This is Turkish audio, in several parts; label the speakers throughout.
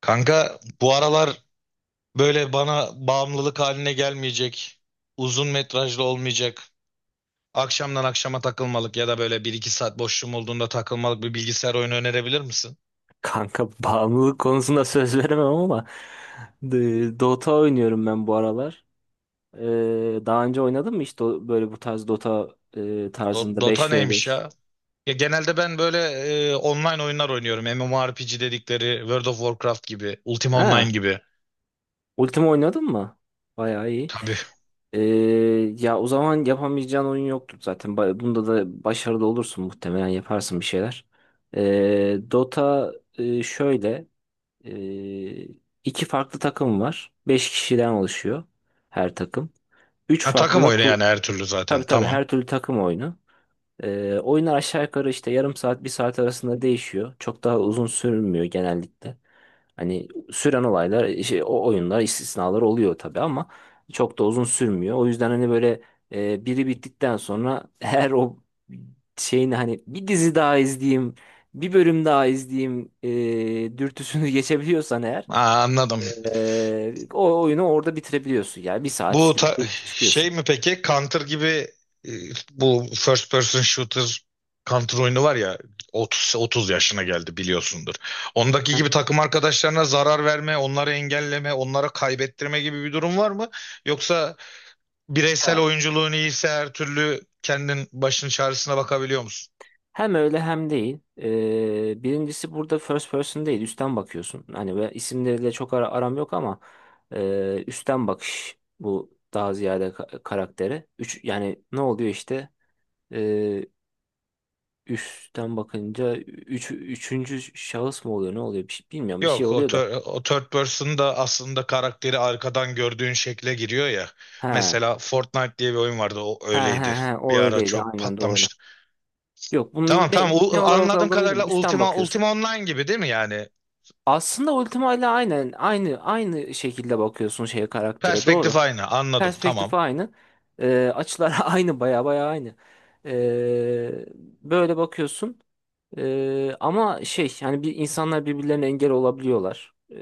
Speaker 1: Kanka bu aralar böyle bana bağımlılık haline gelmeyecek, uzun metrajlı olmayacak, akşamdan akşama takılmalık ya da böyle bir iki saat boşluğum olduğunda takılmalık bir bilgisayar oyunu önerebilir misin?
Speaker 2: Kanka bağımlılık konusunda söz veremem ama Dota oynuyorum ben bu aralar. Daha önce oynadın mı hiç böyle bu tarz Dota tarzında
Speaker 1: Dota neymiş
Speaker 2: 5v5?
Speaker 1: ya? Ya genelde ben böyle online oyunlar oynuyorum. MMORPG dedikleri World of Warcraft gibi, Ultima
Speaker 2: Ha,
Speaker 1: Online gibi.
Speaker 2: Ultima oynadın mı? Bayağı iyi.
Speaker 1: Tabii.
Speaker 2: Ee, Ya o zaman yapamayacağın oyun yoktur zaten. Bunda da başarılı olursun, muhtemelen yaparsın bir şeyler. Dota şöyle, e, iki farklı takım var. Beş kişiden oluşuyor her takım. 3
Speaker 1: Ha,
Speaker 2: farklı
Speaker 1: takım
Speaker 2: da
Speaker 1: oyunu
Speaker 2: kul-.
Speaker 1: yani her türlü zaten.
Speaker 2: Tabii tabii,
Speaker 1: Tamam.
Speaker 2: her türlü takım oyunu. Oyunlar aşağı yukarı işte yarım saat bir saat arasında değişiyor. Çok daha uzun sürmüyor genellikle. Hani süren olaylar şey, o oyunlar istisnalar oluyor tabii ama çok da uzun sürmüyor. O yüzden hani böyle, biri bittikten sonra her o şeyin hani bir dizi daha izleyeyim, bir bölüm daha izleyeyim dürtüsünü geçebiliyorsan eğer,
Speaker 1: Aa, anladım.
Speaker 2: o oyunu orada bitirebiliyorsun. Yani bir saat
Speaker 1: Bu
Speaker 2: sürüyor,
Speaker 1: ta-
Speaker 2: çıkıyorsun.
Speaker 1: Şey mi peki? Counter gibi, e, bu first person shooter Counter oyunu var ya, 30 yaşına geldi biliyorsundur. Ondaki gibi takım arkadaşlarına zarar verme, onları engelleme, onlara kaybettirme gibi bir durum var mı? Yoksa bireysel oyunculuğun iyiyse her türlü kendin başın çaresine bakabiliyor musun?
Speaker 2: Hem öyle hem değil. Birincisi burada first person değil, üstten bakıyorsun. Hani ve isimleriyle çok aram yok ama, üstten bakış bu daha ziyade karaktere. Üç, yani ne oluyor işte? Ee, Üstten bakınca üçüncü şahıs mı oluyor? Ne oluyor? Bir, bilmiyorum. Bir şey
Speaker 1: Yok,
Speaker 2: oluyor da.
Speaker 1: o third person da aslında karakteri arkadan gördüğün şekle giriyor ya.
Speaker 2: Ha
Speaker 1: Mesela Fortnite diye bir oyun vardı, o
Speaker 2: ha ha
Speaker 1: öyleydi.
Speaker 2: he. O
Speaker 1: Bir ara
Speaker 2: öyleydi.
Speaker 1: çok
Speaker 2: Aynen doğru.
Speaker 1: patlamıştı.
Speaker 2: Yok,
Speaker 1: Tamam,
Speaker 2: bunun ne,
Speaker 1: tamam,
Speaker 2: ne olarak
Speaker 1: Anladığım
Speaker 2: olduğunu bilmiyorum.
Speaker 1: kadarıyla
Speaker 2: Üstten
Speaker 1: Ultima
Speaker 2: bakıyorsun.
Speaker 1: Ultima Online gibi değil mi yani?
Speaker 2: Aslında Ultima ile aynen aynı şekilde bakıyorsun şeye, karaktere. Doğru.
Speaker 1: Perspektif aynı, anladım,
Speaker 2: Perspektif
Speaker 1: tamam.
Speaker 2: aynı. Açılar aynı, baya baya aynı. Ee, Böyle bakıyorsun. Ama şey yani, bir insanlar birbirlerine engel olabiliyorlar.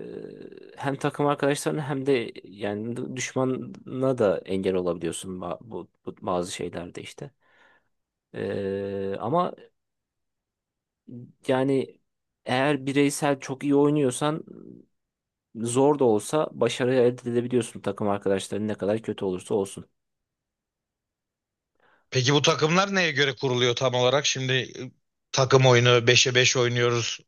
Speaker 2: Hem takım arkadaşlarına hem de yani düşmana da engel olabiliyorsun bu bazı şeylerde işte. Ama yani eğer bireysel çok iyi oynuyorsan, zor da olsa başarı elde edebiliyorsun, takım arkadaşların ne kadar kötü olursa olsun.
Speaker 1: Peki bu takımlar neye göre kuruluyor tam olarak? Şimdi takım oyunu beşe 5 oynuyoruz.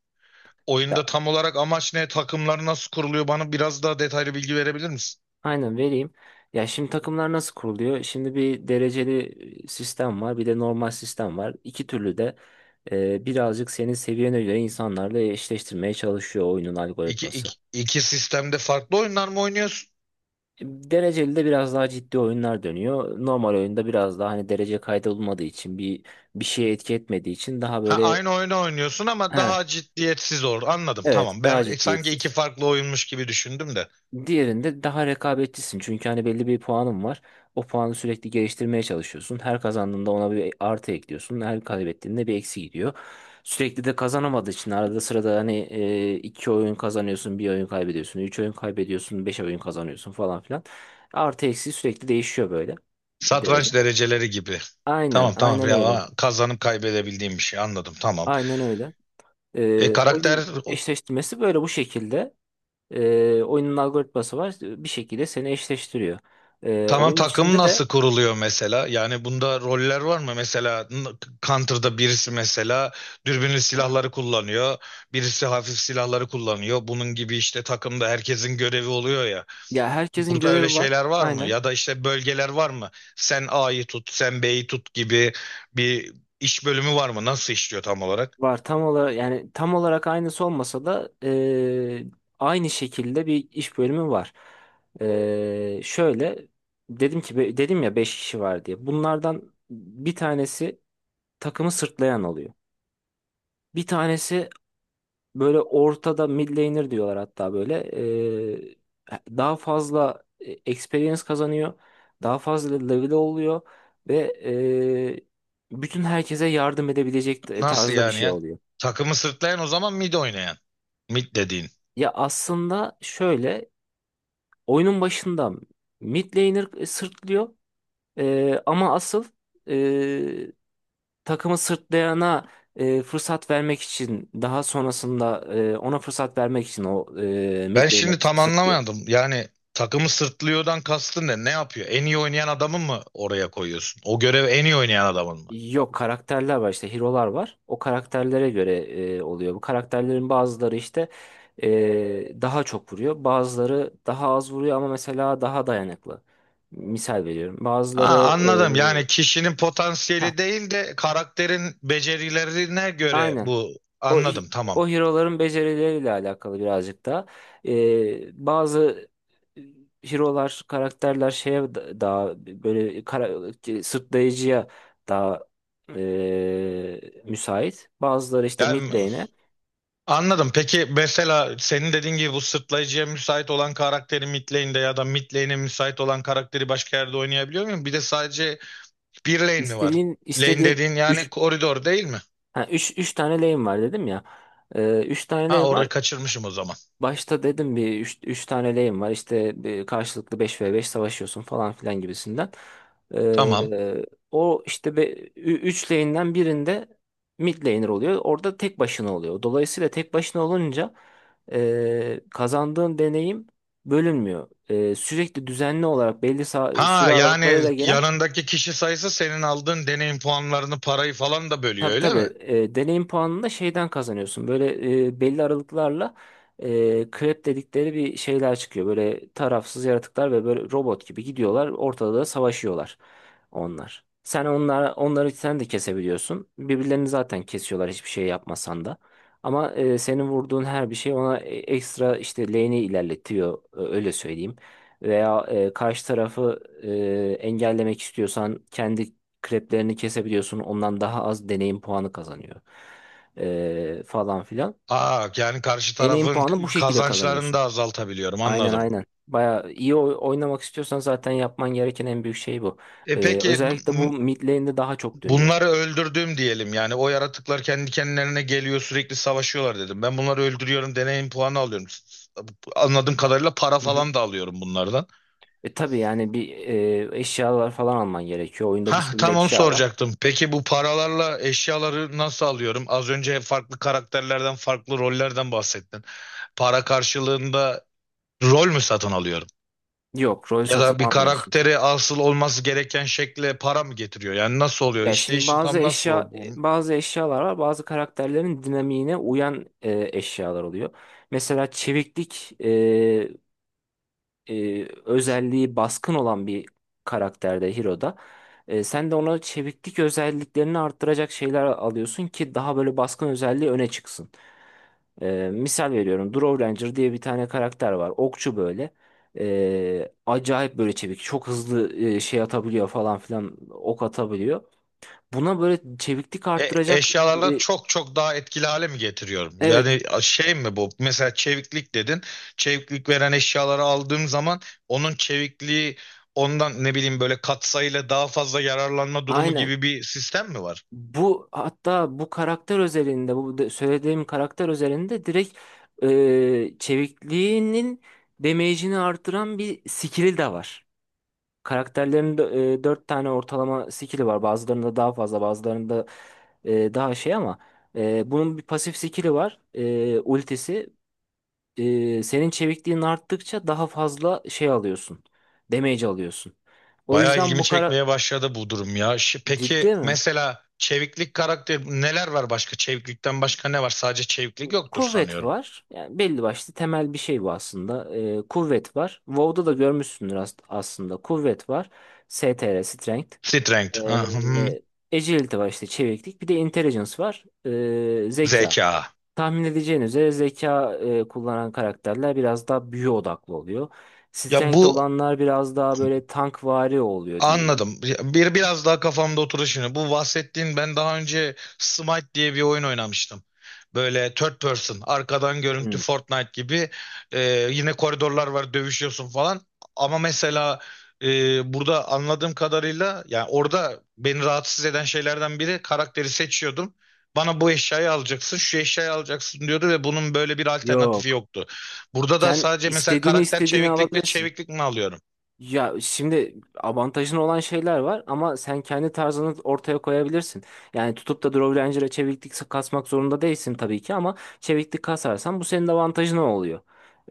Speaker 1: Oyunda tam olarak amaç ne? Takımlar nasıl kuruluyor? Bana biraz daha detaylı bilgi verebilir misin?
Speaker 2: Aynen vereyim. Ya şimdi takımlar nasıl kuruluyor? Şimdi bir dereceli sistem var, bir de normal sistem var. İki türlü de birazcık senin seviyene göre insanlarla eşleştirmeye çalışıyor oyunun
Speaker 1: İki,
Speaker 2: algoritması.
Speaker 1: iki, iki sistemde farklı oyunlar mı oynuyorsun?
Speaker 2: Dereceli de biraz daha ciddi oyunlar dönüyor. Normal oyunda biraz daha hani derece kaydolmadığı için, bir şeye etki etmediği için daha
Speaker 1: Ha,
Speaker 2: böyle,
Speaker 1: aynı oyunu oynuyorsun ama
Speaker 2: ha,
Speaker 1: daha ciddiyetsiz olur. Anladım,
Speaker 2: evet,
Speaker 1: tamam.
Speaker 2: daha
Speaker 1: Ben sanki iki
Speaker 2: ciddiyetsiz.
Speaker 1: farklı oyunmuş gibi düşündüm de.
Speaker 2: Diğerinde daha rekabetçisin. Çünkü hani belli bir puanın var. O puanı sürekli geliştirmeye çalışıyorsun. Her kazandığında ona bir artı ekliyorsun. Her kaybettiğinde bir eksi gidiyor. Sürekli de kazanamadığı için arada sırada hani, iki oyun kazanıyorsun, bir oyun kaybediyorsun, üç oyun kaybediyorsun, beş oyun kazanıyorsun falan filan. Artı eksi sürekli değişiyor böyle, derece.
Speaker 1: Satranç dereceleri gibi.
Speaker 2: Aynen,
Speaker 1: Tamam, tamam,
Speaker 2: aynen öyle.
Speaker 1: ya kazanıp kaybedebildiğim bir şey, anladım, tamam.
Speaker 2: Aynen öyle.
Speaker 1: E karakter
Speaker 2: Oyun
Speaker 1: o-
Speaker 2: eşleştirmesi böyle bu şekilde. Oyunun algoritması var. Bir şekilde seni eşleştiriyor.
Speaker 1: tamam,
Speaker 2: Oyunun
Speaker 1: takım
Speaker 2: içinde de
Speaker 1: nasıl kuruluyor mesela? Yani bunda roller var mı? Counter'da birisi mesela dürbünlü silahları kullanıyor. Birisi hafif silahları kullanıyor. Bunun gibi işte takımda herkesin görevi oluyor ya.
Speaker 2: ya, herkesin
Speaker 1: Burada öyle
Speaker 2: görevi var.
Speaker 1: şeyler var mı?
Speaker 2: Aynen.
Speaker 1: Ya da işte bölgeler var mı? Sen A'yı tut, sen B'yi tut gibi bir iş bölümü var mı? Nasıl işliyor tam olarak?
Speaker 2: Var, tam olarak yani tam olarak aynısı olmasa da aynı şekilde bir iş bölümü var. Şöyle, dedim ki dedim ya 5 kişi var diye. Bunlardan bir tanesi takımı sırtlayan oluyor. Bir tanesi, böyle ortada mid laner diyorlar hatta böyle. Daha fazla experience kazanıyor. Daha fazla level oluyor. Ve bütün herkese yardım edebilecek
Speaker 1: Nasıl
Speaker 2: tarzda bir
Speaker 1: yani
Speaker 2: şey
Speaker 1: ya?
Speaker 2: oluyor.
Speaker 1: Takımı sırtlayan o zaman mid oynayan. Mid dediğin.
Speaker 2: Ya aslında şöyle, oyunun başında mid laner sırtlıyor. Ama asıl, e, takımı sırtlayana fırsat vermek için, daha sonrasında ona fırsat vermek için o
Speaker 1: Ben
Speaker 2: mid laner
Speaker 1: şimdi tam
Speaker 2: sırtlıyor.
Speaker 1: anlamadım. Yani takımı sırtlıyordan kastın ne? Ne yapıyor? En iyi oynayan adamın mı oraya koyuyorsun? O görevi en iyi oynayan adamın mı?
Speaker 2: Yok, karakterler var işte, hero'lar var. O karakterlere göre oluyor. Bu karakterlerin bazıları işte daha çok vuruyor. Bazıları daha az vuruyor ama mesela daha dayanıklı. Misal veriyorum.
Speaker 1: Ha,
Speaker 2: Bazıları,
Speaker 1: anladım. Yani
Speaker 2: e,
Speaker 1: kişinin
Speaker 2: hah,
Speaker 1: potansiyeli değil de karakterin becerilerine göre
Speaker 2: aynen.
Speaker 1: bu.
Speaker 2: O
Speaker 1: Anladım, tamam.
Speaker 2: o hero'ların becerileriyle alakalı birazcık da. Bazı hero'lar, karakterler şeye daha böyle, kara, sırtlayıcıya daha müsait. Bazıları işte mid
Speaker 1: Yani
Speaker 2: lane'e.
Speaker 1: anladım. Peki mesela senin dediğin gibi bu sırtlayıcıya müsait olan karakteri mid lane'de ya da mid lane'e müsait olan karakteri başka yerde oynayabiliyor muyum? Bir de sadece bir lane mi var?
Speaker 2: İstediğin
Speaker 1: Lane
Speaker 2: istediğin
Speaker 1: dediğin
Speaker 2: üç
Speaker 1: yani koridor değil mi?
Speaker 2: ha 3 3 tane lane var dedim ya. Üç tane lane
Speaker 1: Ha,
Speaker 2: var.
Speaker 1: orayı kaçırmışım o zaman.
Speaker 2: Başta dedim bir, üç tane lane var işte, bir karşılıklı beş ve beş savaşıyorsun falan filan gibisinden.
Speaker 1: Tamam.
Speaker 2: Ee, O işte 3 lane'den birinde mid laner oluyor. Orada tek başına oluyor. Dolayısıyla tek başına olunca kazandığın deneyim bölünmüyor. Sürekli düzenli olarak belli
Speaker 1: Ha,
Speaker 2: süre
Speaker 1: yani
Speaker 2: aralıklarıyla gelen.
Speaker 1: yanındaki kişi sayısı senin aldığın deneyim puanlarını, parayı falan da bölüyor
Speaker 2: Tabii
Speaker 1: öyle mi?
Speaker 2: tabii. Deneyim puanını da şeyden kazanıyorsun. Böyle belli aralıklarla krep dedikleri bir şeyler çıkıyor. Böyle tarafsız yaratıklar ve böyle robot gibi gidiyorlar. Ortada da savaşıyorlar onlar. Sen onları sen de kesebiliyorsun. Birbirlerini zaten kesiyorlar, hiçbir şey yapmasan da. Ama, senin vurduğun her bir şey ona ekstra işte lane'i ilerletiyor, öyle söyleyeyim. Veya karşı tarafı engellemek istiyorsan kendi kreplerini kesebiliyorsun. Ondan daha az deneyim puanı kazanıyor. Falan filan.
Speaker 1: Aa yani karşı
Speaker 2: Deneyim
Speaker 1: tarafın
Speaker 2: puanı bu şekilde
Speaker 1: kazançlarını
Speaker 2: kazanıyorsun.
Speaker 1: da azaltabiliyorum,
Speaker 2: Aynen,
Speaker 1: anladım.
Speaker 2: aynen. Baya iyi oynamak istiyorsan zaten yapman gereken en büyük şey bu.
Speaker 1: E peki m-
Speaker 2: Özellikle bu
Speaker 1: m-
Speaker 2: mid lane'de daha çok dönüyor.
Speaker 1: Bunları öldürdüm diyelim, yani o yaratıklar kendi kendilerine geliyor, sürekli savaşıyorlar dedim. Ben bunları öldürüyorum, deneyim puanı alıyorum. Anladığım kadarıyla para
Speaker 2: Hı hı.
Speaker 1: falan da alıyorum bunlardan.
Speaker 2: Tabii yani, bir, eşyalar falan alman gerekiyor. Oyunda bir
Speaker 1: Hah,
Speaker 2: sürü de
Speaker 1: tam onu
Speaker 2: eşya var.
Speaker 1: soracaktım. Peki bu paralarla eşyaları nasıl alıyorum? Az önce farklı karakterlerden, farklı rollerden bahsettin. Para karşılığında rol mü satın alıyorum?
Speaker 2: Yok, rol
Speaker 1: Ya
Speaker 2: satın
Speaker 1: da bir
Speaker 2: almıyorsun.
Speaker 1: karakteri asıl olması gereken şekle para mı getiriyor? Yani nasıl oluyor?
Speaker 2: Ya şimdi
Speaker 1: İşleyişi
Speaker 2: bazı
Speaker 1: tam nasıl
Speaker 2: eşya
Speaker 1: oluyor bunun?
Speaker 2: bazı eşyalar var. Bazı karakterlerin dinamiğine uyan eşyalar oluyor. Mesela çeviklik özelliği baskın olan bir karakterde, Hiro'da. Sen de ona çeviklik özelliklerini arttıracak şeyler alıyorsun ki daha böyle baskın özelliği öne çıksın. Misal veriyorum, Drow Ranger diye bir tane karakter var. Okçu böyle. Acayip böyle çevik. Çok hızlı şey atabiliyor falan filan. Ok atabiliyor. Buna böyle çeviklik arttıracak,
Speaker 1: Eşyalarla
Speaker 2: e,
Speaker 1: çok çok daha etkili hale mi getiriyorum?
Speaker 2: evet,
Speaker 1: Yani şey mi bu? Mesela çeviklik dedin. Çeviklik veren eşyaları aldığım zaman onun çevikliği ondan ne bileyim böyle katsayıyla daha fazla yararlanma durumu
Speaker 2: aynen.
Speaker 1: gibi bir sistem mi var?
Speaker 2: Bu, hatta bu karakter özelinde, söylediğim karakter özelinde direkt çevikliğinin damage'ini artıran bir skill'i de var. Karakterlerin de, 4 tane ortalama skill'i var. Bazılarında daha fazla, bazılarında daha şey, ama bunun bir pasif skill'i var. Ultisi. Senin çevikliğin arttıkça daha fazla şey alıyorsun. Damage alıyorsun. O
Speaker 1: Bayağı
Speaker 2: yüzden
Speaker 1: ilgimi
Speaker 2: bu kara...
Speaker 1: çekmeye başladı bu durum ya.
Speaker 2: Ciddi
Speaker 1: Peki
Speaker 2: mi?
Speaker 1: mesela çeviklik karakteri neler var başka? Çeviklikten başka ne var? Sadece çeviklik yoktur
Speaker 2: Kuvvet
Speaker 1: sanıyorum.
Speaker 2: var. Yani belli başlı temel bir şey bu aslında. Kuvvet var. WoW'da da görmüşsündür aslında. Kuvvet var. STR, Strength.
Speaker 1: Strength, ah, hmm,
Speaker 2: Ee, Agility var işte, çeviklik. Bir de intelligence var. Zeka.
Speaker 1: zeka.
Speaker 2: Tahmin edeceğiniz üzere zeka kullanan karakterler biraz daha büyü odaklı oluyor.
Speaker 1: Ya
Speaker 2: Strength
Speaker 1: bu
Speaker 2: olanlar biraz daha böyle tankvari oluyor diye.
Speaker 1: Anladım. Bir biraz daha kafamda oturdu şimdi. Bu bahsettiğin, ben daha önce Smite diye bir oyun oynamıştım. Böyle third person, arkadan görüntü Fortnite gibi. Yine koridorlar var, dövüşüyorsun falan. Ama mesela burada anladığım kadarıyla, yani orada beni rahatsız eden şeylerden biri, karakteri seçiyordum. Bana bu eşyayı alacaksın, şu eşyayı alacaksın diyordu ve bunun böyle bir alternatifi
Speaker 2: Yok.
Speaker 1: yoktu. Burada da
Speaker 2: Sen
Speaker 1: sadece mesela
Speaker 2: istediğini
Speaker 1: karakter
Speaker 2: istediğini
Speaker 1: çeviklik ve
Speaker 2: alabilirsin.
Speaker 1: çeviklik mi alıyorum?
Speaker 2: Ya şimdi avantajın olan şeyler var ama sen kendi tarzını ortaya koyabilirsin. Yani tutup da Draw Ranger'a çeviklik kasmak zorunda değilsin tabii ki, ama çeviklik kasarsan bu senin avantajın oluyor.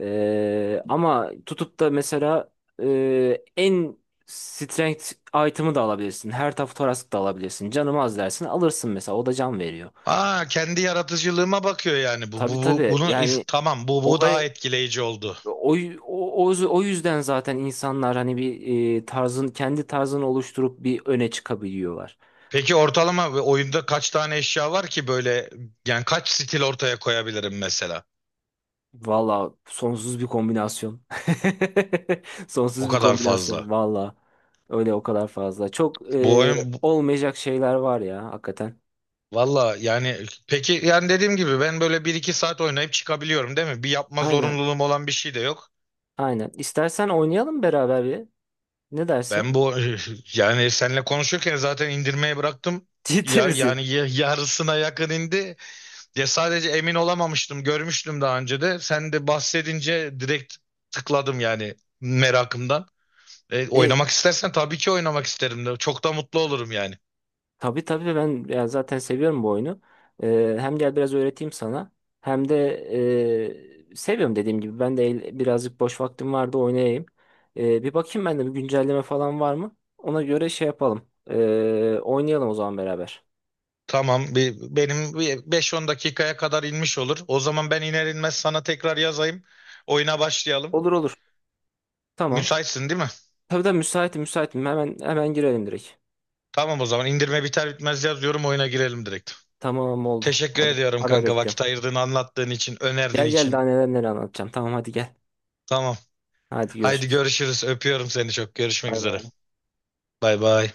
Speaker 2: Ama tutup da mesela, en strength item'ı da alabilirsin. Her taraf Thorax da alabilirsin. Canım az dersin alırsın mesela, o da can veriyor.
Speaker 1: Aa, kendi yaratıcılığıma bakıyor yani
Speaker 2: Tabii tabii
Speaker 1: bunu
Speaker 2: yani,
Speaker 1: tamam, bu daha
Speaker 2: olay,
Speaker 1: etkileyici oldu.
Speaker 2: O, o yüzden zaten insanlar hani bir, kendi tarzını oluşturup bir öne çıkabiliyorlar.
Speaker 1: Peki ortalama ve oyunda kaç tane eşya var ki böyle, yani kaç stil ortaya koyabilirim mesela?
Speaker 2: Valla sonsuz bir kombinasyon.
Speaker 1: O
Speaker 2: Sonsuz bir
Speaker 1: kadar
Speaker 2: kombinasyon
Speaker 1: fazla.
Speaker 2: valla. Öyle, o kadar fazla. Çok
Speaker 1: Bu oyun bu-
Speaker 2: olmayacak şeyler var ya hakikaten.
Speaker 1: Valla yani, peki yani dediğim gibi ben böyle bir iki saat oynayıp çıkabiliyorum değil mi? Bir yapma
Speaker 2: Aynen,
Speaker 1: zorunluluğum olan bir şey de yok.
Speaker 2: aynen. İstersen oynayalım beraber bir. Ne dersin?
Speaker 1: Ben bu Yani seninle konuşurken zaten indirmeye bıraktım.
Speaker 2: Ciddi
Speaker 1: Ya
Speaker 2: misin?
Speaker 1: yani yarısına yakın indi. Ya sadece emin olamamıştım. Görmüştüm daha önce de. Sen de bahsedince direkt tıkladım yani, merakımdan.
Speaker 2: E,
Speaker 1: Oynamak istersen tabii ki oynamak isterim de. Çok da mutlu olurum yani.
Speaker 2: Tabii tabii, ben yani zaten seviyorum bu oyunu. Hem gel, biraz öğreteyim sana. Hem de, seviyorum dediğim gibi. Ben de birazcık boş vaktim vardı, oynayayım. Bir bakayım ben de, bir güncelleme falan var mı? Ona göre şey yapalım. Oynayalım o zaman beraber.
Speaker 1: Tamam, benim bir 5-10 dakikaya kadar inmiş olur. O zaman ben iner inmez sana tekrar yazayım. Oyuna başlayalım.
Speaker 2: Olur olur. Tamam.
Speaker 1: Müsaitsin değil mi?
Speaker 2: Tabii de müsaitim, müsaitim. Hemen hemen girelim direkt.
Speaker 1: Tamam, o zaman indirme biter bitmez yazıyorum, oyuna girelim direkt.
Speaker 2: Tamam oldu.
Speaker 1: Teşekkür
Speaker 2: Hadi
Speaker 1: ediyorum
Speaker 2: haber
Speaker 1: kanka, vakit
Speaker 2: bekliyorum.
Speaker 1: ayırdığın, anlattığın için, önerdiğin
Speaker 2: Gel gel,
Speaker 1: için.
Speaker 2: daha neler neler anlatacağım. Tamam, hadi gel.
Speaker 1: Tamam.
Speaker 2: Hadi
Speaker 1: Haydi
Speaker 2: görüşürüz.
Speaker 1: görüşürüz. Öpüyorum seni çok. Görüşmek
Speaker 2: Bay
Speaker 1: üzere.
Speaker 2: bay.
Speaker 1: Bay bay.